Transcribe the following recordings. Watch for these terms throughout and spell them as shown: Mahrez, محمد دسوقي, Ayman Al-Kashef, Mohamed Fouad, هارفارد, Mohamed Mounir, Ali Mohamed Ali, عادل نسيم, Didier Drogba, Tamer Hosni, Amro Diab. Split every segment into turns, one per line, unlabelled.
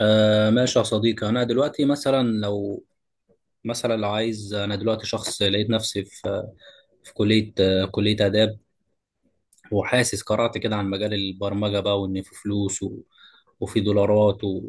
آه، ماشي يا صديقي. أنا دلوقتي مثلا لو عايز، أنا دلوقتي شخص لقيت نفسي في كلية آداب، وحاسس قرأت كده عن مجال البرمجة بقى، وإن في فلوس وفي دولارات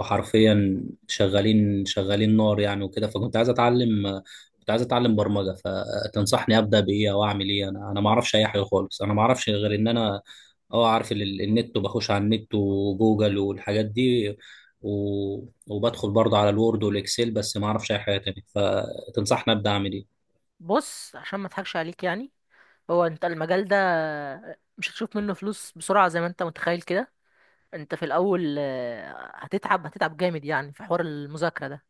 وحرفيا شغالين شغالين نار يعني وكده. فكنت عايز أتعلم برمجة. فتنصحني أبدأ بإيه أو أعمل إيه؟ أنا ما أعرفش أي حاجة خالص. أنا ما أعرفش غير إن أنا عارف النت، وبخش على النت وجوجل والحاجات دي، و... وبدخل برضه على الوورد والإكسل، بس ما أعرفش أي حاجة تانية. فتنصحني أبدأ أعمل إيه؟
بص، عشان ما اضحكش عليك يعني. هو انت المجال ده مش هتشوف منه فلوس بسرعة زي ما انت متخيل كده. انت في الاول، هتتعب جامد يعني في حوار المذاكرة ده.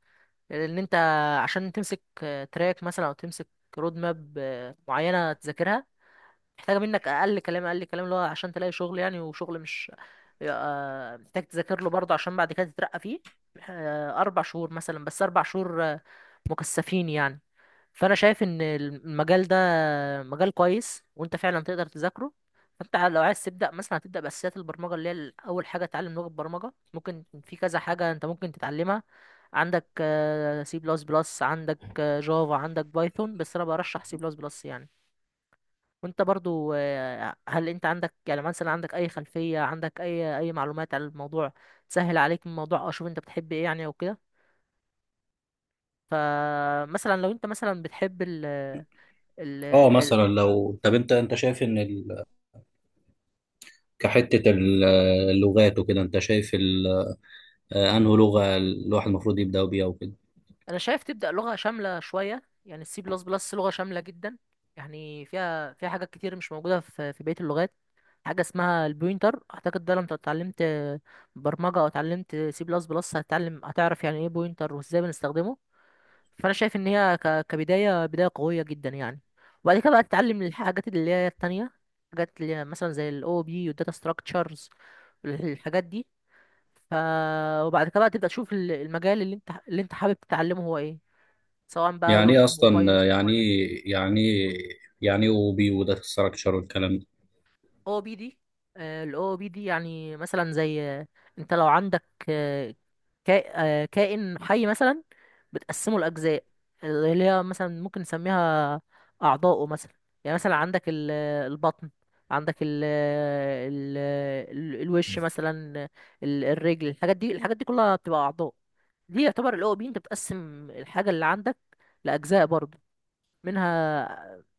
لان انت عشان تمسك تراك مثلا او تمسك رود ماب معينة تذاكرها، محتاجة منك اقل كلام اللي هو عشان تلاقي شغل يعني. وشغل مش محتاج تذاكر له برضه عشان بعد كده تترقى فيه. اربع شهور مثلا، بس 4 شهور مكثفين يعني. فانا شايف ان المجال ده مجال كويس، وانت فعلا تقدر تذاكره. فانت لو عايز تبدا مثلا، هتبدا باساسيات البرمجه، اللي هي اول حاجه تتعلم لغه برمجه. ممكن في كذا حاجه انت ممكن تتعلمها. عندك سي بلس بلس، عندك جافا، عندك بايثون، بس انا برشح سي بلس بلس يعني. وانت برضو، هل انت عندك يعني مثلا عندك اي خلفيه، عندك اي معلومات عن الموضوع؟ سهل عليك الموضوع؟ او شوف انت بتحب ايه يعني او كده. فمثلا لو انت مثلا بتحب ال- ال-
مثلا لو طب أنت شايف إن كحتة ال- اللغات وكده، انت شايف انه لغة الواحد المفروض يبدأ بيها وكده؟
انا شايف تبدا لغه شامله شويه يعني. السي بلس بلس لغه شامله جدا يعني، فيها حاجات كتير مش موجوده في بقيه اللغات. حاجه اسمها البوينتر، اعتقد ده لما اتعلمت برمجه او اتعلمت سي بلس بلس هتعرف يعني ايه بوينتر وازاي بنستخدمه. فانا شايف ان هي كبدايه، بدايه قويه جدا يعني. وبعد كده بقى تتعلم الحاجات اللي هي التانية، حاجات اللي هي مثلا زي الاو بي والداتا ستراكشرز، الحاجات دي. ف وبعد كده بقى تبدا تشوف المجال اللي انت حابب تتعلمه هو ايه، سواء بقى
يعني
ويب،
ايه
موبايل.
اصلا، يعني ايه اوبي وداتا ستراكشر والكلام ده؟
او بي دي، الاو بي دي يعني مثلا زي، انت لو عندك آه، كائن حي مثلا، بتقسمه لاجزاء اللي هي مثلا ممكن نسميها اعضاؤه مثلا. يعني مثلا عندك البطن، عندك ال الوش مثلا، الرجل. الحاجات دي، الحاجات دي كلها بتبقى اعضاء. دي يعتبر الاو بي، انت بتقسم الحاجه اللي عندك لاجزاء برضه منها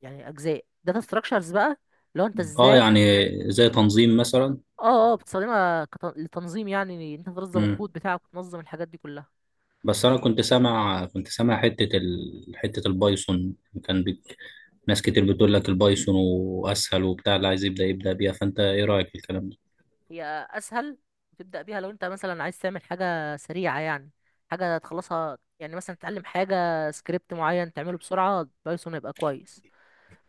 يعني اجزاء. داتا ستراكشرز بقى، لو انت
اه،
ازاي...
يعني زي تنظيم مثلا.
اه اه، بتستخدمها لتنظيم يعني، انت تنظم
مم.
الكود بتاعك وتنظم الحاجات دي كلها.
بس انا كنت سامع حتة البايثون، كان بيك... ناس كتير بتقول لك البايثون واسهل وبتاع، اللي عايز يبدأ بيها، فانت ايه رأيك في الكلام ده؟
هي اسهل تبدا بيها لو انت مثلا عايز تعمل حاجه سريعه يعني، حاجه تخلصها يعني. مثلا تتعلم حاجه، سكريبت معين تعمله بسرعه، بايثون هيبقى كويس.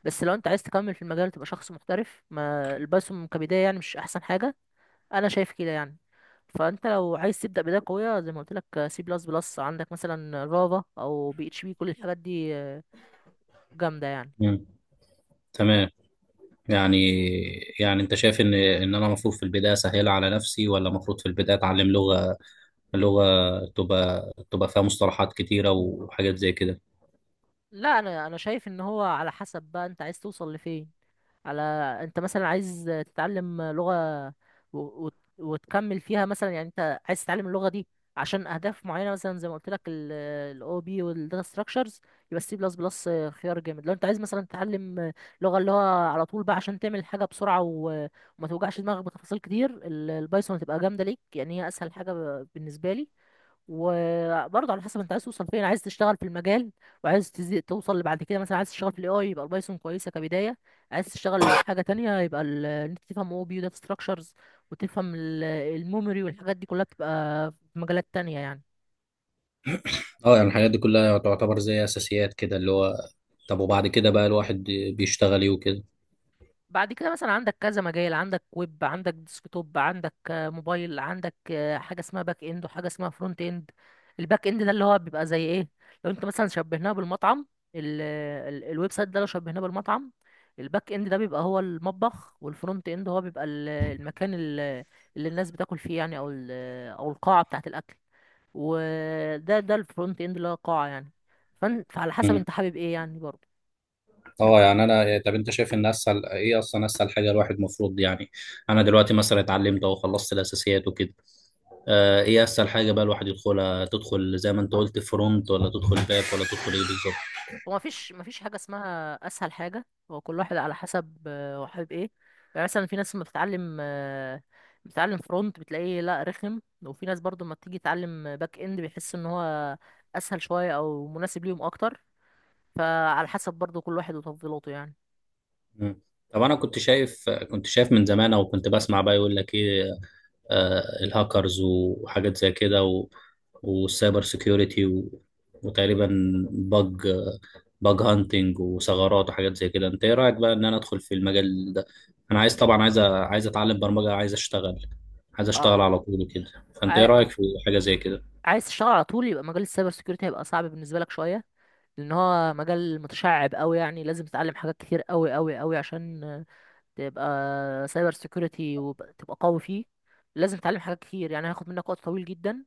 بس لو انت عايز تكمل في المجال تبقى شخص محترف، ما البايثون كبدايه يعني مش احسن حاجه، انا شايف كده يعني. فانت لو عايز تبدا بدايه قويه، زي ما قلت لك، سي بلس بلس، عندك مثلا جافا، او بي اتش بي، كل الحاجات دي جامده يعني.
مم. تمام. يعني يعني انت شايف ان انا المفروض في البدايه اسهلها على نفسي، ولا المفروض في البدايه اتعلم لغه تبقى فيها مصطلحات كتيره وحاجات زي كده؟
لا، انا شايف ان هو على حسب بقى انت عايز توصل لفين. على... انت مثلا عايز تتعلم لغة و... وتكمل فيها مثلا يعني. انت عايز تتعلم اللغة دي عشان اهداف معينة، مثلا زي ما قلت لك الاو بي والداتا ستراكشرز، يبقى السي بلس بلس خيار جامد. لو انت عايز مثلا تتعلم لغة اللي هو على طول بقى عشان تعمل حاجة بسرعة وما توجعش دماغك بتفاصيل كتير، البايثون هتبقى جامدة ليك يعني، هي اسهل حاجة بالنسبة لي. وبرضه على حسب انت عايز توصل فين، عايز تشتغل في المجال وعايز توصل لبعد كده. مثلا عايز تشتغل في الاي اي، يبقى البايثون كويسه كبدايه. عايز تشتغل حاجه تانية يبقى ان انت تفهم او بي، داتا ستراكشرز، وتفهم الميموري والحاجات دي كلها، بتبقى في مجالات تانية يعني.
اه، يعني الحاجات دي كلها تعتبر زي اساسيات كده اللي هو. طب وبعد كده بقى الواحد بيشتغل ايه وكده؟
بعد كده مثلا عندك كذا مجال، عندك ويب، عندك ديسكتوب، عندك موبايل، عندك حاجه اسمها باك اند وحاجه اسمها فرونت اند. الباك اند ده اللي هو بيبقى زي ايه؟ لو انت مثلا شبهناه بالمطعم، ال ال الويب سايت ده لو شبهناه بالمطعم، الباك اند ده بيبقى هو المطبخ، والفرونت اند هو بيبقى المكان اللي الناس بتاكل فيه يعني، او او القاعه بتاعه الاكل. ده الفرونت اند اللي هو قاعه يعني. فعلى حسب
مم.
انت حابب ايه يعني برضه.
اه، يعني انا، طب انت شايف ان اسهل ايه اصلا، اسهل حاجه الواحد المفروض يعني، انا دلوقتي مثلا اتعلمت او خلصت الاساسيات وكده، آه، ايه اسهل حاجه بقى الواحد يدخلها؟ تدخل زي ما انت قلت فرونت، ولا تدخل باك، ولا تدخل ايه بالظبط؟
هو مفيش حاجة اسمها أسهل حاجة، هو كل واحد على حسب هو حابب ايه. يعني مثلا في ناس لما بتتعلم بتتعلم فرونت بتلاقيه لا رخم، وفي ناس برضو لما بتيجي تتعلم باك اند بيحس ان هو أسهل شوية أو مناسب ليهم أكتر. فعلى حسب برضو كل واحد وتفضيلاته يعني.
مم. طب انا كنت شايف من زمان، او كنت بسمع بقى يقول لك ايه، آه الهاكرز وحاجات زي كده، والسايبر سيكيورتي، وتقريبا باج باج هانتنج وثغرات وحاجات زي كده. انت ايه رايك بقى ان انا ادخل في المجال ده؟ انا طبعا عايز اتعلم برمجه، عايز اشتغل على
آه،
طول كده. فانت ايه
عاي-
رايك في حاجه زي كده؟
عايز تشتغل على طول، يبقى مجال السايبر سيكيورتي هيبقى صعب بالنسبة لك شوية، لأن هو مجال متشعب أوي يعني. لازم تتعلم حاجات كتير أوي أوي أوي عشان تبقى سايبر سيكيورتي وتبقى قوي فيه. لازم تتعلم حاجات كتير يعني، هياخد منك وقت طويل جدا.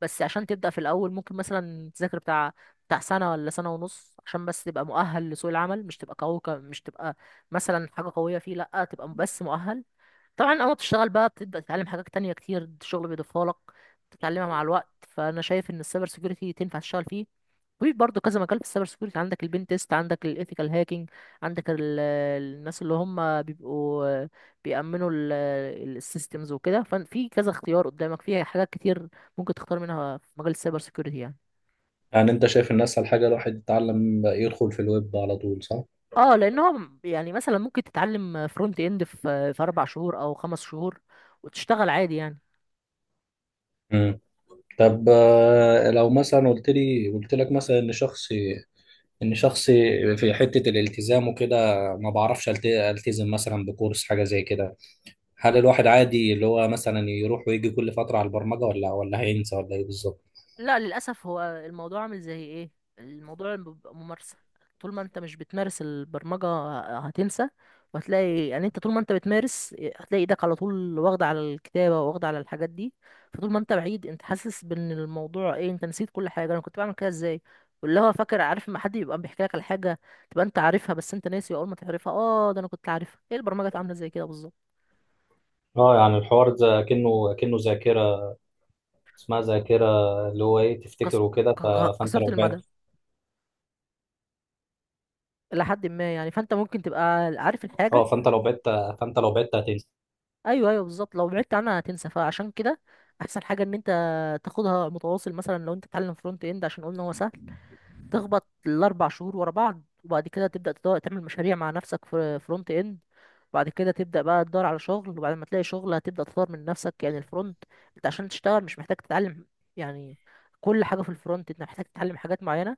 بس عشان تبدأ في الأول ممكن مثلا تذاكر بتاع سنة ولا سنة ونص عشان بس تبقى مؤهل لسوق العمل، مش تبقى قوي مش تبقى مثلا حاجة قوية فيه، لأ تبقى بس مؤهل. طبعا أول ما بتشتغل بقى بتبدأ تتعلم حاجات تانية كتير الشغل بيضيفها لك، تتعلمها مع الوقت. فأنا شايف إن السايبر سيكيورتي تنفع تشتغل فيه. في برضه كذا مجال في السايبر سكيورتي، عندك البين تيست، عندك الايثيكال هاكينج، عندك الناس اللي هم بيبقوا بيأمنوا السيستمز وكده. ففي كذا اختيار قدامك، فيها حاجات كتير ممكن تختار منها في مجال السايبر سكيورتي يعني.
يعني انت شايف ان اسهل حاجه الواحد يتعلم يدخل في الويب على طول، صح؟
اه، لان هو يعني مثلا ممكن تتعلم فرونت اند في 4 شهور او 5 شهور وتشتغل عادي يعني.
طب لو مثلا قلت لك مثلا ان شخصي في حتة الالتزام وكده، ما بعرفش التزم مثلا بكورس حاجة زي كده، هل الواحد عادي اللي هو مثلا يروح ويجي كل فترة على البرمجة، ولا هينسى، ولا ايه بالظبط؟
لا للأسف، هو الموضوع عامل زي ايه، الموضوع بيبقى ممارسة. طول ما انت مش بتمارس البرمجة هتنسى. وهتلاقي يعني انت طول ما انت بتمارس هتلاقي ايدك على طول واخدة على الكتابة، واخدة على الحاجات دي. فطول ما انت بعيد انت حاسس بان الموضوع ايه، انت نسيت كل حاجة، انا كنت بعمل كده ازاي. واللي هو فاكر عارف، ما حد يبقى بيحكي لك على حاجة تبقى انت عارفها بس انت ناسي. اول ما تعرفها، اه ده انا كنت عارفها، ايه البرمجة عاملة زي كده بالظبط.
اه، يعني الحوار ده كأنه ذاكرة، اسمها ذاكرة اللي هو ايه تفتكر
قص...
وكده. فانت
قصيرة
لو
المدى
بعدت.
إلى حد ما يعني، فأنت ممكن تبقى عارف الحاجة.
اه، فانت لو بعدت هتنسى.
ايوه ايوه بالظبط، لو بعدت عنها هتنسى. فعشان كده احسن حاجه ان انت تاخدها متواصل. مثلا لو انت بتتعلم فرونت اند، عشان قلنا هو سهل، تخبط الاربع شهور ورا بعض، وبعد كده تبدا تدور تعمل مشاريع مع نفسك في فرونت اند، وبعد كده تبدا بقى تدور على شغل، وبعد ما تلاقي شغل هتبدا تطور من نفسك يعني. الفرونت انت عشان تشتغل مش محتاج تتعلم يعني كل حاجه في الفرونت. انت محتاج تتعلم حاجات معينه،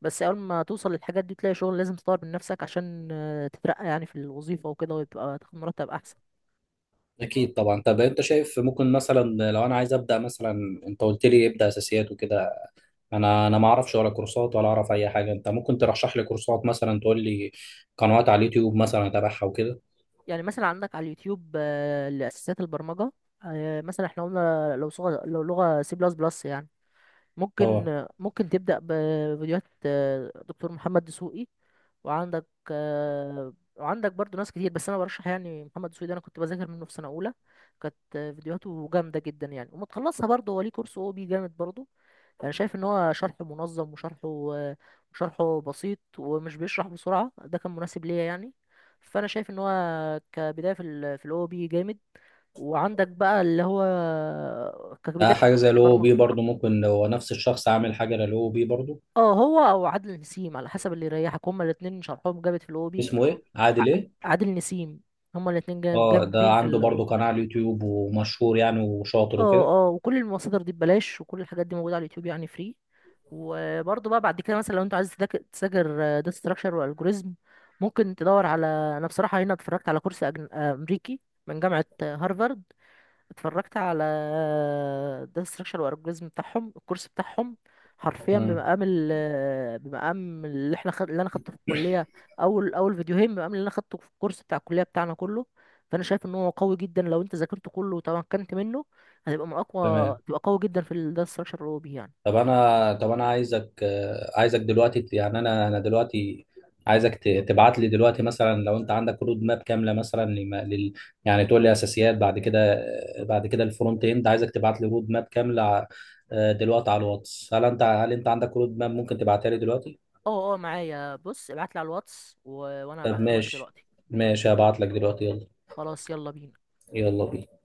بس اول ما توصل للحاجات دي تلاقي شغل. لازم تطور من نفسك عشان تترقى يعني في الوظيفه وكده، وتبقى تاخد مرتب احسن.
اكيد طبعا. طب انت شايف ممكن مثلا لو انا عايز ابدا مثلا، انت قلت لي ابدا اساسيات وكده، انا ما اعرفش ولا كورسات ولا اعرف اي حاجه. انت ممكن ترشح لي كورسات مثلا، تقول لي قنوات على اليوتيوب مثلا اتابعها وكده؟
يعني مثلا عندك على اليوتيوب لأساسيات البرمجة. مثلا احنا قلنا لو صغة لو لغة سي بلس بلس يعني، ممكن
اه.
تبدأ بفيديوهات دكتور محمد دسوقي. وعندك وعندك برضو ناس كتير، بس انا برشح يعني محمد دسوقي ده، انا كنت بذاكر منه في سنة اولى. كانت فيديوهاته جامدة جدا يعني، ومتخلصها برضو هو ليه كورس او بي جامد برضو. انا شايف ان هو شرح منظم، وشرحه بسيط ومش بيشرح بسرعه، ده كان مناسب ليا يعني. فانا شايف ان هو كبدايه في في الاو بي جامد. وعندك بقى اللي هو كبدايه
حاجه زي الاو
برمجه.
بي برضو، ممكن لو نفس الشخص عامل حاجه للاو بي برضو؟
اه هو او عادل نسيم على حسب اللي يريحك، هما الاثنين شرحهم جامد في الاو بي.
اسمه ايه؟ عادل ايه؟
عادل نسيم، هما الاثنين
اه، ده
جامدين في
عنده
الاو
برضو
بي.
قناه على اليوتيوب ومشهور يعني وشاطر وكده؟
اه اه، وكل المصادر دي ببلاش، وكل الحاجات دي موجودة على اليوتيوب يعني فري. وبرضه بقى بعد كده مثلا لو انت عايز تذاكر داتا ستراكشر والجوريزم ممكن تدور على... انا بصراحة هنا اتفرجت على كورس أجن... آه، امريكي من جامعة هارفارد. اتفرجت على ده، ستراكشر والالجوريزم بتاعهم، الكورس بتاعهم حرفيا
مم.
بمقام بمقام اللي اللي انا خدته في الكليه. اول فيديوهين بمقام اللي انا خدته في الكورس بتاع الكليه بتاعنا كله. فانا شايف ان هو قوي جدا، لو انت ذاكرته كله وتمكنت منه هتبقى من اقوى،
تمام.
تبقى قوي جدا في الداتا ستراكشر اللي هو بيه يعني.
طب انا عايزك دلوقتي، يعني انا دلوقتي عايزك تبعت لي دلوقتي، مثلا لو انت عندك رود ماب كامله مثلا لم- لل يعني تقول لي اساسيات، بعد كده بعد كده الفرونت اند، عايزك تبعت لي رود ماب كامله، دلوقتي على الواتس. هل انت عندك رود ماب ممكن تبعتها لي دلوقتي؟
اه اه معايا، بص ابعت لي على الواتس وانا
طب
هبعتها لك
ماشي،
دلوقتي.
ماشي، هبعت لك دلوقتي، يلا.
خلاص يلا بينا.
يلا بينا.